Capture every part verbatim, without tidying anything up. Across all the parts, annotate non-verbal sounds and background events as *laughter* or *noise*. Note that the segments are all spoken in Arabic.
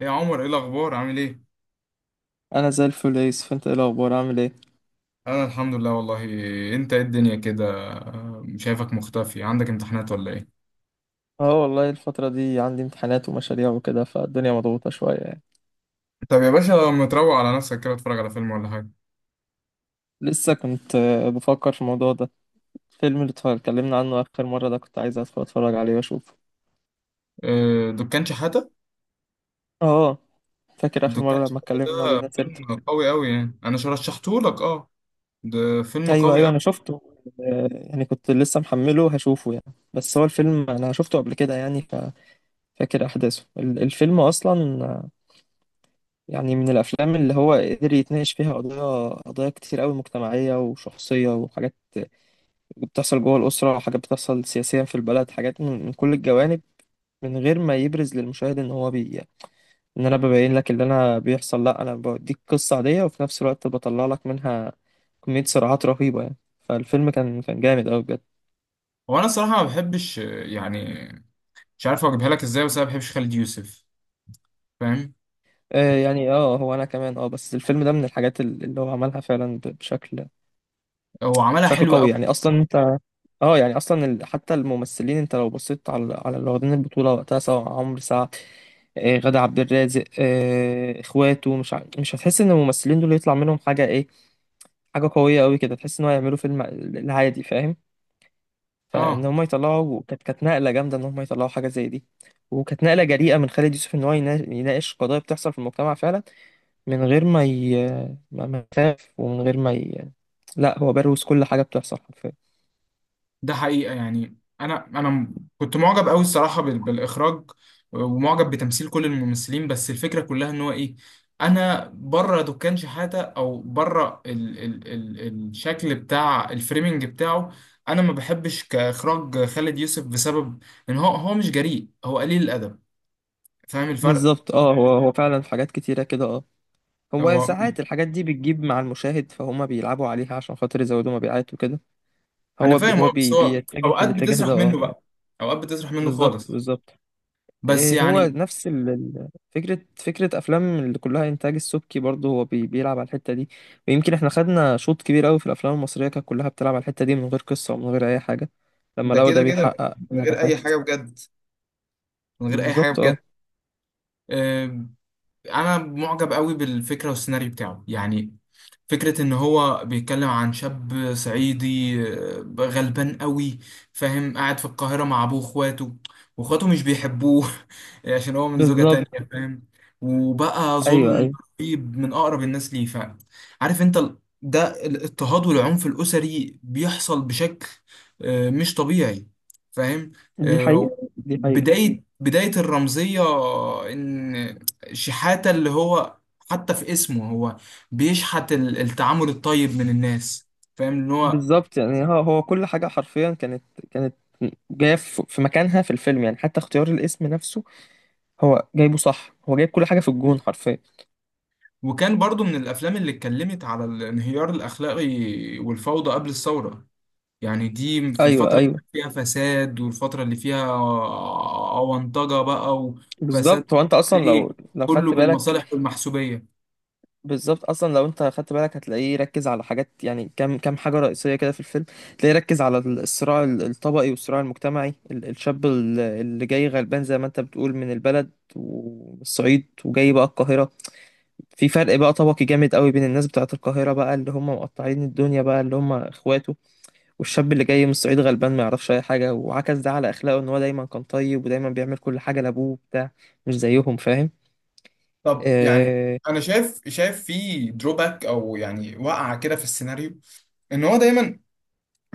ايه يا عمر؟ ايه الاخبار؟ عامل ايه؟ انا زي الفل يا يوسف، انت ايه الاخبار عامل ايه؟ انا الحمد لله والله. انت ايه الدنيا كده؟ شايفك مختفي، عندك امتحانات ولا ايه؟ اه، والله الفتره دي عندي امتحانات ومشاريع وكده، فالدنيا مضغوطه شويه يعني. طب يا باشا، لما تروق على نفسك كده اتفرج على فيلم ولا حاجه. لسه كنت آه، بفكر في الموضوع ده. الفيلم اللي اتكلمنا عنه اخر مره ده كنت عايز أدخل اتفرج عليه واشوفه. آه، دكان شحاته. اه، فاكر اخر دكان مره لما شحاته اتكلمنا ده جبنا سيرته. فيلم قوي قوي يعني، انا رشحته لك، اه. ده فيلم ايوه قوي ايوه، قوي. انا شفته. آه، يعني كنت لسه محمله هشوفه يعني، بس هو الفيلم انا شفته قبل كده يعني. ففاكر احداثه ال- الفيلم اصلا. آه، يعني من الافلام اللي هو قدر يتناقش فيها قضايا قضايا كتير قوي مجتمعيه وشخصيه، وحاجات بتحصل جوه الأسرة، وحاجات بتحصل سياسيا في البلد، حاجات من من كل الجوانب، من غير ما يبرز للمشاهد إن هو بي يعني، إن أنا ببين لك اللي أنا بيحصل، لأ، أنا بديك قصة عادية وفي نفس الوقت بطلع لك منها كمية صراعات رهيبة يعني. فالفيلم كان كان جامد أوي بجد. هو انا الصراحه ما بحبش، آه، يعني مش عارف اجيبها لك ازاي، بس انا ما بحبش خالد يوسف، فاهم. آه يعني، اه، هو أنا كمان اه، بس الفيلم ده من الحاجات ال- اللي هو عملها فعلا ب- بشكل. هو عملها بشكل حلوه قوي قوي، يعني، أصلا أنت. اه يعني أصلا، ال- حتى الممثلين، أنت لو بصيت على على اللي واخدين البطولة وقتها، سواء عمرو سعد، آه، غادة عبد الرازق، آه، اخواته، مش ع... مش هتحس ان الممثلين دول يطلع منهم حاجه ايه، حاجه قويه قوي كده، تحس ان هو يعملوا فيلم العادي فاهم. فان اه. هم يطلعوا كانت كانت نقله جامده، ان هم يطلعوا حاجه زي دي. وكانت نقله جريئه من خالد يوسف ان هو ينا- يناقش قضايا بتحصل في المجتمع فعلا، من غير ما ي... ما ما يخاف، ومن غير ما ي... لا، هو بروز كل حاجه بتحصل حرفيا. ده حقيقة يعني، أنا أنا م- كنت معجب أوي الصراحة بال- بالإخراج، ومعجب بتمثيل كل الممثلين، بس الفكرة كلها إن هو إيه، أنا بره دكان شحاتة، أو بره ال ال ال الشكل بتاع الفريمنج بتاعه. أنا ما بحبش كإخراج خالد يوسف بسبب إن هو هو مش جريء، هو قليل الأدب. فاهم الفرق؟ بالظبط اه، هو هو فعلا في حاجات كتيره كده اه. هو هو ساعات الحاجات دي بتجيب مع المشاهد فهم، بيلعبوا عليها عشان خاطر يزودوا مبيعات وكده. أنا هو بي فاهم، هو أه، بس بي هو بيتجه في أوقات الاتجاه ده بتسرح منه اه يعني. بقى، أوقات بتسرح منه بالظبط خالص. بالظبط. بس إيه، هو يعني، نفس ال- ال- فكرة فكرة أفلام اللي كلها إنتاج السبكي، برضه هو بي بيلعب على الحتة دي. ويمكن إحنا خدنا شوط كبير أوي في الأفلام المصرية كانت كلها بتلعب على الحتة دي، من غير قصة ومن غير أي حاجة، لما ده لقوا كده ده كده، بيحقق من غير نجاحات. أي حاجة بجد، من غير أي حاجة بالظبط اه. بجد. آه، انا معجب قوي بالفكره والسيناريو بتاعه يعني. فكرة ان هو بيتكلم عن شاب صعيدي، آه، غلبان قوي، فاهم، قاعد في القاهرة مع ابوه واخواته، واخواته مش بيحبوه *laughs* عشان هو من زوجة بالظبط، تانية، فاهم. وبقى أيوه ظلم أيوه. رهيب من اقرب الناس ليه، فاهم. عارف انت ال- ده الاضطهاد والعنف الاسري بيحصل بشكل آه، مش طبيعي، فاهم. دي حقيقة، آه، دي حقيقة. بداية بداية الرمزية، ان شحاتة اللي هو، حتى في اسمه، هو بيشحت ال- التعامل الطيب من الناس، فاهم ان هو. بالظبط يعني، هو هو كل حاجة حرفيا كانت. كانت جاية في في مكانها في الفيلم يعني، حتى اختيار الاسم نفسه هو جايبه صح، هو جايب كل حاجه في الجون حرفيا. وكان برضو من الافلام اللي اتكلمت على الانهيار الاخلاقي والفوضى قبل الثوره. يعني دي في ايوه الفتره اللي ايوه. كان فيها فساد، والفتره اللي فيها اونطجه بقى، وفساد، بالظبط، هو انت اصلا ايه، لو لو كله خدت بالك. بالمصالح والمحسوبيه. بالظبط، اصلا لو انت خدت بالك هتلاقيه ركز على حاجات يعني، كام كام حاجه رئيسيه كده في الفيلم. تلاقيه ركز على ال- الصراع ال- الطبقي والصراع المجتمعي، ال- الشاب ال- اللي جاي غلبان زي ما انت بتقول من البلد والصعيد، وجاي بقى القاهره. في فرق بقى طبقي جامد قوي بين الناس بتاعت القاهره بقى، اللي هم مقطعين الدنيا بقى، اللي هم اخواته، والشاب اللي جاي من الصعيد غلبان ما يعرفش اي حاجه، وعكس ده على اخلاقه، ان هو دايما كان طيب، ودايما بيعمل كل حاجه لابوه وبتاع، مش زيهم فاهم. طب يعني، اه، انا شايف، شايف في دروباك او يعني وقعه كده في السيناريو، ان هو دايما،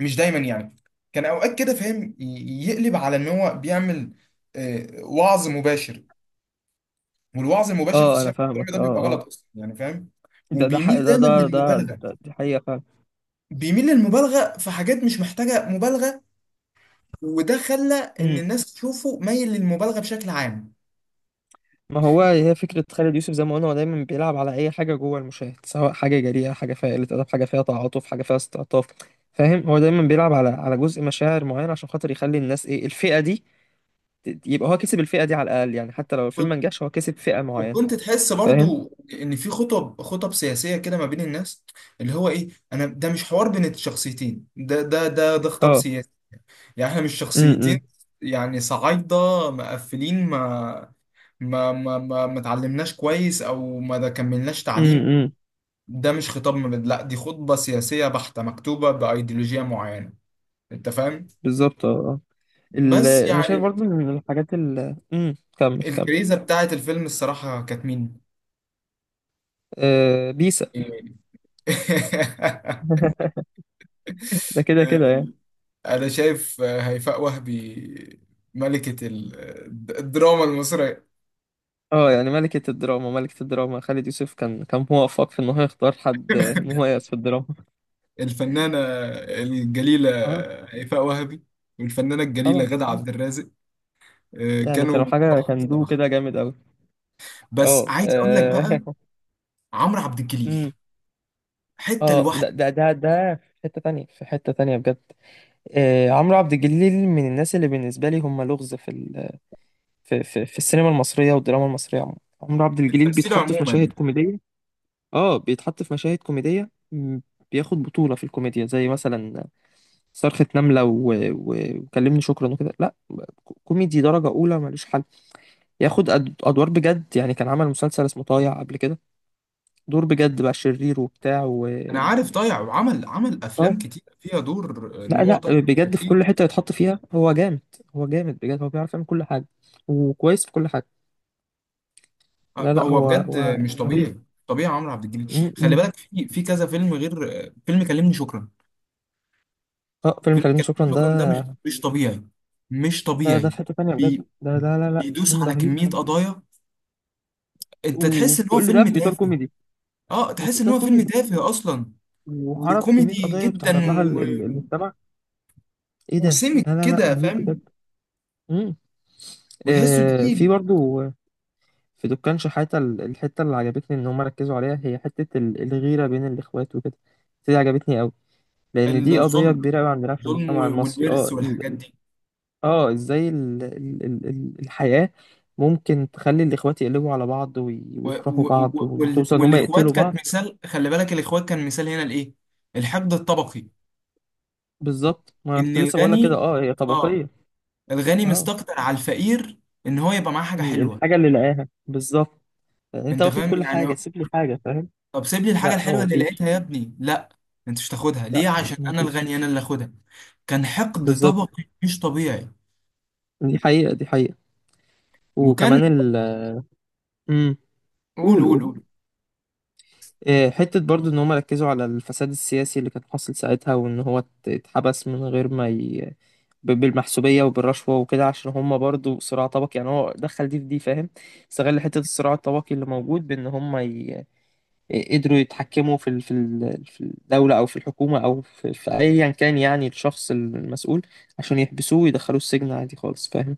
مش دايما يعني، كان اوقات كده فاهم، ي- يقلب على ان هو بيعمل آه، وعظ مباشر. والوعظ المباشر في آه انا السياق الإسلامي فاهمك، ده اه بيبقى اه. غلط اصلا يعني، فاهم. ده ده وبيميل حق- ده دايما ده ده, للمبالغه، ده دي حقيقه فعلا. بيميل للمبالغه في حاجات مش محتاجه مبالغه، وده خلى *clears throat* ان أمم. الناس تشوفه مايل للمبالغه بشكل عام. ما هو هي فكره خالد يوسف زي ما قلنا، هو دايما بيلعب على اي حاجه جوه المشاهد، سواء حاجه جريئه، حاجه فيها قله ادب، حاجه فيها تعاطف، حاجه فيها استعطاف فاهم. هو دايما بيلعب على على جزء مشاعر معين عشان خاطر يخلي الناس ايه الفئه دي، ت- يبقى هو كسب الفئه دي على الاقل يعني، حتى لو الفيلم ما كنت- نجحش هو كسب فئه معينه وكنت تحس فاهم. برضو ان في خطب، خطب سياسيه كده ما بين الناس، اللي هو ايه، انا ده مش حوار بين الشخصيتين، ده ده ده ده خطاب اه، سياسي. يعني احنا مش شخصيتين، امم يعني صعايدة مقفلين، ما ما ما ما, ما اتعلمناش كويس، او ما ده كملناش تعليم. امم. ده مش خطاب مبادئ، لا دي خطبة سياسية بحتة مكتوبة بأيديولوجية معينة، انت فاهم. بالظبط اه، آه. ال- بس انا شايف يعني، برضو إن من الحاجات ال امم كمل كمل. الكريزة بتاعت الفيلم الصراحة كانت مين؟ آه، بيسا. *laughs* *laughs* ده كده كده يعني. انا شايف هيفاء وهبي، ملكة ال- الدراما المصرية. اه يعني، ملكة الدراما، ملكة الدراما، خالد يوسف كان كان موفق في ان هو يختار حد مميز في الدراما. *laughs* الفنانة الجليلة اه، هيفاء وهبي، والفنانة الجليلة طبعا. غادة عبد الرازق، آه، يعني كانوا كانوا حاجة، تحفة كان دو الصراحة. كده جامد قوي. بس اه، عايز أقول لك بقى، آه. *laughs* عمرو عبد الجليل امم. حتة اه، لوحده، لا ده ده ده في حتة تانية، في حتة تانية بجد. آه، عمرو عبد الجليل من الناس اللي بالنسبة لي هم لغز في في في في السينما المصرية والدراما المصرية عموما. عمرو عبد الجليل تمثيله بيتحط في عموما. مشاهد كوميدية. اه بيتحط في مشاهد كوميدية، م، بياخد بطولة في الكوميديا، زي مثلا صرخة نملة و... و... وكلمني شكرا وكده، لا، كو- كوميدي درجة أولى، ملوش حل. ياخد أد... أدوار بجد يعني، كان عمل مسلسل اسمه طايع قبل كده، دور بجد بقى شرير وبتاع و... أنا عارف ضايع، وعمل عمل اه، أفلام كتير فيها دور، آه، إن لا هو لا، طايع بجد في كتير. كل حتة يتحط فيها هو جامد. هو جامد بجد، هو بيعرف يعمل كل حاجة، وكويس في كل حاجة. آه، لا لا، هو هو بجد هو مش طبيعي. طبيعي، عمرو عبد الجليل، خلي رهيب. بالك في في كذا فيلم غير آه، فيلم كلمني شكرا. اه، فيلم فيلم فردين كلمني شكرا شكرا ده مش، ده، مش طبيعي، مش ده ده طبيعي. في حتة تانية بجد. بي- ده، لا لا لا، بيدوس فيلم على رهيب. كمية قضايا، انت تحس ان وفي هو كل ده فيلم في إطار تافه، كوميدي. اه وفي تحس ان إطار هو فيلم كوميدي، تافه اصلا، وعرض كمية وكوميدي قضايا جدا، بتعرض لها ال- و... ال- المجتمع. ايه ده، وسمك لا لا لا، كده رهيب بجد. فاهم، مم. وتحسه آه، في تقيل. برضو في دكان شحاتة ال- الحتة اللي عجبتني إن هم ركزوا عليها هي حتة ال- الغيرة بين الإخوات وكده، دي عجبتني أوي، لأن دي قضية الظلم، كبيرة أوي عندنا في الظلم المجتمع و- المصري اه. والورث والحاجات دي. اه، ازاي ال... ال... ال... ال- الحياة ممكن تخلي الاخوات يقلبوا على بعض وي... و... ويكرهوا و... بعض، و... وال... وتوصل ان هم والاخوات يقتلوا كانت بعض. مثال، خلي بالك الاخوات كان مثال هنا لايه، الحقد الطبقي. بالظبط، ما انا ان كنت لسه بقول لك كده الغني، اه، هي اه، طبقية. الغني اه، مستكتر على الفقير ان هو يبقى معاه حاجة ال... حلوة. الحاجة اللي لقاها بالظبط، انت انت واخد فاهم كل يعني، حاجة سيب لي حاجة فاهم. طب سيب لي الحاجة لا هو الحلوة اللي مفيش. لقيتها يا ابني، لا انت مش تاخدها ليه؟ لا، عشان انا مفيش. الغني، انا اللي اخدها. كان حقد بالظبط. طبقي مش طبيعي. دي حقيقة، دي حقيقة. وكان، وكمان ال امم قول قول قول قول. قول آه، حتة برضو ان هم ركزوا على الفساد السياسي اللي كان حاصل ساعتها، وان هو ات- اتحبس من غير ما ي... ب- بالمحسوبية وبالرشوة وكده، عشان هما برضو صراع طبقي يعني، هو دخل دي في دي فاهم. استغل حتة الصراع الطبقي اللي موجود، بإن هما ي... قدروا يتحكموا في ال... في ال... في الدولة أو في الحكومة، أو في, في أيا كان يعني الشخص المسؤول، عشان يحبسوه ويدخلوه السجن عادي خالص فاهم.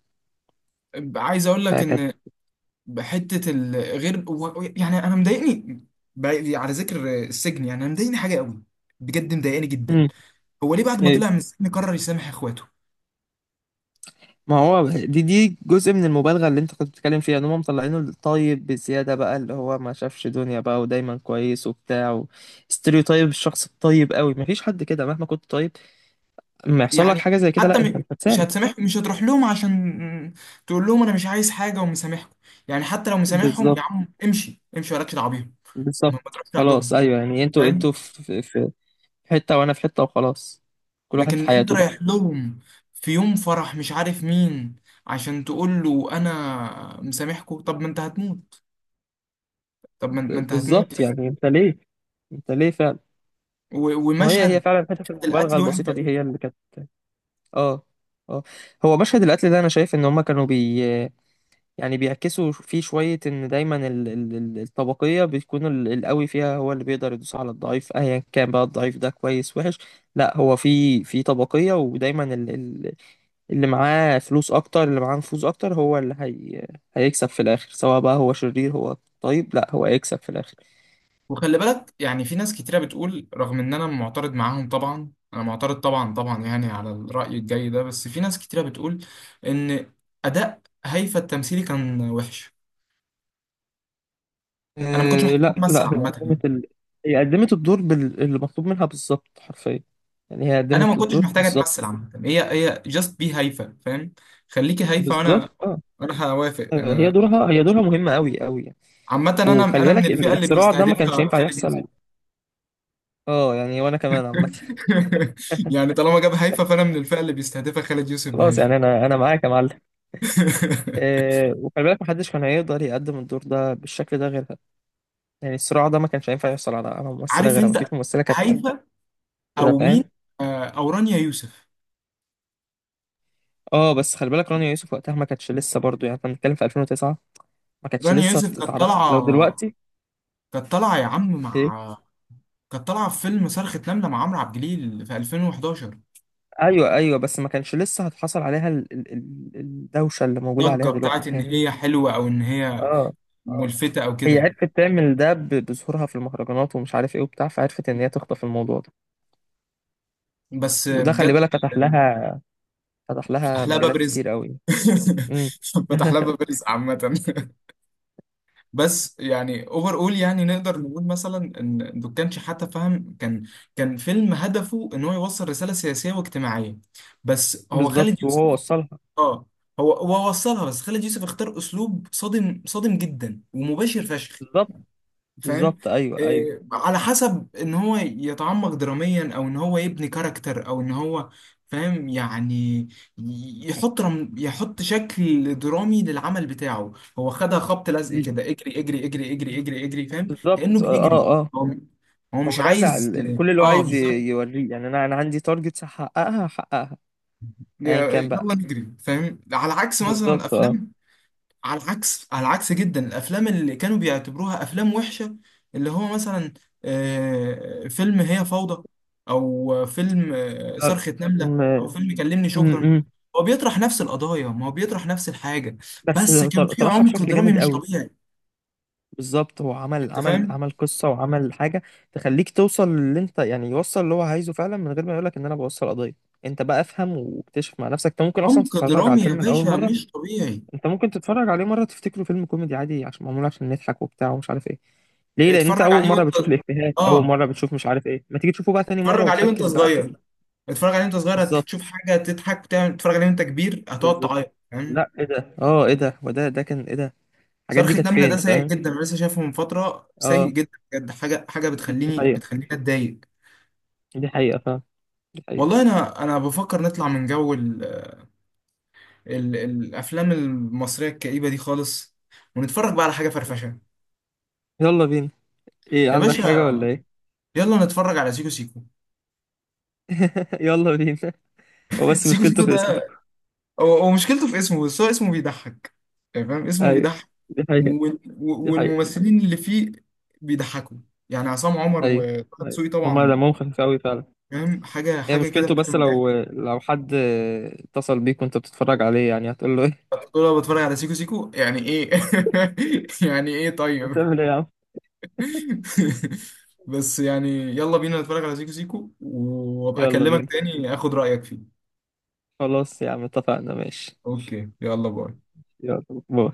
عايز اقول لك فكانت... ان بحتة الغير و- و- يعني انا مضايقني، ب- على ذكر السجن يعني انا مضايقني حاجة قوي، بجد مضايقني *laughs* جدا. مم. هو ليه بعد ما إيه. طلع من السجن قرر يسامح اخواته؟ ما هو دي دي جزء من المبالغة اللي أنت كنت بتتكلم فيها، إن هما مطلعينه الطيب بزيادة بقى، اللي هو ما شافش دنيا بقى، ودايما كويس وبتاع و... ستيريوتايب الشخص الطيب قوي، مفيش حد كده، مهما كنت طيب ما يحصل لك يعني حاجه زي كده، حتى لا، انت م- مش مش هتسامح. هتسامح، مش هتروح لهم عشان تقول لهم انا مش عايز حاجة ومسامحكم. يعني حتى لو مسامحهم، يا بالظبط عم امشي امشي، ولا دعوة بيهم. بالظبط. ما بتروحش خلاص، عندهم ايوه يعني، انتوا انتوا فاهم. في في في حته وانا في حته وخلاص، كل واحد في لكن انت حياته بقى. رايح لهم في يوم فرح مش عارف مين عشان تقول له انا مسامحكم، طب ما انت هتموت، طب ما ما ب- انت هتموت. بالظبط، يعني انت ليه، انت ليه فعلا. و- ما هي، هي ومشهد فعلا حته المبالغه القتل وحش البسيطه دي قوي. هي اللي كانت. اه، اه. هو مشهد القتل ده انا شايف ان هما كانوا بي يعني بيعكسوا فيه شويه، ان دايما ال... ال... ال- الطبقيه بيكون ال- القوي فيها هو اللي بيقدر يدوس على الضعيف، ايا كان بقى الضعيف ده كويس وحش. لا، هو في في طبقيه، ودايما اللي معاه فلوس اكتر، اللي معاه نفوذ اكتر، هو اللي هي... هيكسب في الاخر، سواء بقى هو شرير هو طيب، لا، هو هيكسب في الاخر. وخلي بالك يعني، في ناس كتيرة بتقول، رغم ان انا معترض معاهم طبعا، انا معترض طبعا طبعا يعني على الرأي الجاي ده، بس في ناس كتيرة بتقول ان اداء هيفا التمثيلي كان وحش. انا ما كنتش أه، محتاج لا اتمثل لا، هي عامة، قدمت ال... هي قدمت الدور بال... اللي مطلوب منها بالظبط حرفيا، يعني هي انا ما قدمت كنتش الدور محتاج بالظبط. اتمثل عامه، هي هي جاست بي هايفه فاهم. خليكي هايفه بالظبط وانا، اه، انا هوافق، آه، هي انا، دورها هي دورها مهمة قوي قوي يعني. عامه، انا وخلي انا من بالك الفئه ال- اللي الصراع ده ما كانش بيستهدفها ينفع خالد يوسف. يحصل. اه يعني، وانا كمان عامة. *laughs* *laughs* يعني طالما جاب هايفه، فانا من الفئه اللي بيستهدفها خالد يوسف خلاص بهايفه. يعني، انا انا معاك يا معلم. *laughs* أه، وخلي بالك محدش كان هيقدر يقدم الدور ده بالشكل ده غيرها، يعني الصراع ده ما كانش هينفع يحصل على على ممثله عارف غيرها، ما فيش انت، ممثله كانت قد هايفه كده او مين، فاهم. آه، او رانيا يوسف. اه، بس خلي بالك رانيا يوسف وقتها ما كانتش لسه برضو، يعني احنا بنتكلم في ألفين وتسعة، ما كانتش رانيا لسه يوسف كانت اتعرفت لو طالعه، دلوقتي كانت طالعه يا عم ايه. مع، كانت طالعه في فيلم صرخة نملة مع عمرو عبد الجليل في الفين وحداشر. ايوه ايوه، بس ما كانش لسه هتحصل عليها ال... ال... ال- الدوشه اللي موجوده ضجة عليها بتاعت دلوقتي، ان فاهمني هي حلوة، او ان هي اه، آه. ملفتة او هي كده. عرفت تعمل ده ب... بظهورها في المهرجانات ومش عارف ايه وبتاع، فعرفت ان هي تخطف الموضوع ده، بس وده خلي بجد بالك فتح لها فتح لها فتح لها باب مجالات رزق، كتير قوي. امم. *laughs* فتح لها *laughs* باب رزق عامة. *laughs* بس يعني اوفر اول، يعني نقدر نقول مثلا ان دول كانش حتى فاهم، كان، كان فيلم هدفه ان هو يوصل رسالة سياسية واجتماعية، بس هو خالد بالظبط، يوسف، وهو وصلها. اه هو هو وصلها، بس خالد يوسف اختار اسلوب صادم، صادم جدا ومباشر فشخ، بالظبط فاهم. بالظبط، ايوه ايوه. إيه، على حسب ان هو يتعمق دراميا، او ان هو يبني كاركتر، او ان هو، فاهم يعني، يحط رم... يحط شكل درامي للعمل بتاعه. هو خدها خبط لزق دي كده، اجري اجري اجري اجري اجري اجري، فاهم، كأنه بالظبط، اه بيجري. اه، آه. هو هو هو مش رزع عايز، ال- ال- كل اللي هو اه عايز بالظبط، ي- يوريه، يعني انا، انا عندي تارجتس هحققها هحققها ايا يا- كان بقى. يلا نجري فاهم، على عكس مثلا بالظبط، اه، الافلام، على العكس، على العكس جدا، الافلام اللي كانوا بيعتبروها افلام وحشه، اللي هو مثلا، آه، فيلم هي فوضى، او فيلم، آه، آه، صرخة نملة، م... او فيلم كلمني شكرا. م... م. هو بيطرح نفس القضايا، ما هو بيطرح نفس الحاجه، بس بس كان طر- في طرحها عمق بشكل درامي جامد مش قوي. طبيعي، بالظبط، هو عمل انت عمل فاهم. عمل قصة، وعمل حاجة تخليك توصل للي انت يعني يوصل اللي هو عايزه فعلا، من غير ما يقولك ان انا بوصل قضية. انت بقى افهم واكتشف مع نفسك، انت ممكن اصلا عمق تتفرج على درامي يا الفيلم لاول باشا مرة. مش طبيعي. انت ممكن تتفرج عليه مره تفتكره فيلم كوميدي عادي، عشان معمول عشان نضحك وبتاع ومش عارف ايه، ليه؟ لان انت اتفرج اول عليه مره وانت، بتشوف الافيهات، اول اه مره بتشوف مش عارف ايه، ما تيجي تشوفه بقى تاني مره اتفرج عليه وانت وتركز بقى في ال... صغير، اتفرج عليه وانت صغير بالظبط هتشوف حاجه تضحك، تعمل- تتفرج عليه وانت كبير هتقعد بالظبط. تعيط، فاهم. لا ايه ده، اه، ايه ده، وده ده كان ايه ده، الحاجات دي صرخة كانت نملة فين ده سيء فاهم جدا، انا لسه شايفه من فترة، سيء اه. جدا بجد، حاجة، حاجة دي بتخليني حقيقه، بتخليني اتضايق. دي حقيقه، فاهم، دي حقيقه. والله، انا انا بفكر نطلع من جو ال ال الافلام المصرية الكئيبة دي خالص، ونتفرج بقى على حاجة فرفشة يلا بينا، ايه يا عندك حاجه باشا. ولا ايه؟ يلا نتفرج على سيكو سيكو. *laughs* يلا بينا. هو بس سيكو سيكو مشكلته في اسمه. ده، هو هو مشكلته في اسمه، بس هو اسمه بيضحك، يعني فاهم اسمه ايوه، بيضحك، دي حقيقه، وال- و- دي حقيقه. والممثلين اللي فيه بيضحكوا، يعني عصام عمر ايوه وطه ايوه، دسوقي هما طبعا، دمهم خفيف قوي فعلا. فاهم حاجة، هي حاجة كده مشكلته فاهم. بس، لو لو حد اتصل بيك وانت بتتفرج عليه يعني هتقول له ايه؟ طول ما بتفرج على سيكو سيكو يعني ايه، *laughs* يعني ايه *laughs* طيب. بتعمل ايه يا عم. *laughs* بس يعني يلا بينا نتفرج على سيكو سيكو، وابقى اكلمك يلا يلا بينا بينا، تاني اخد رأيك فيه. خلاص يا عم اتفقنا ماشي. اوكي، يلا باي. يلا باي.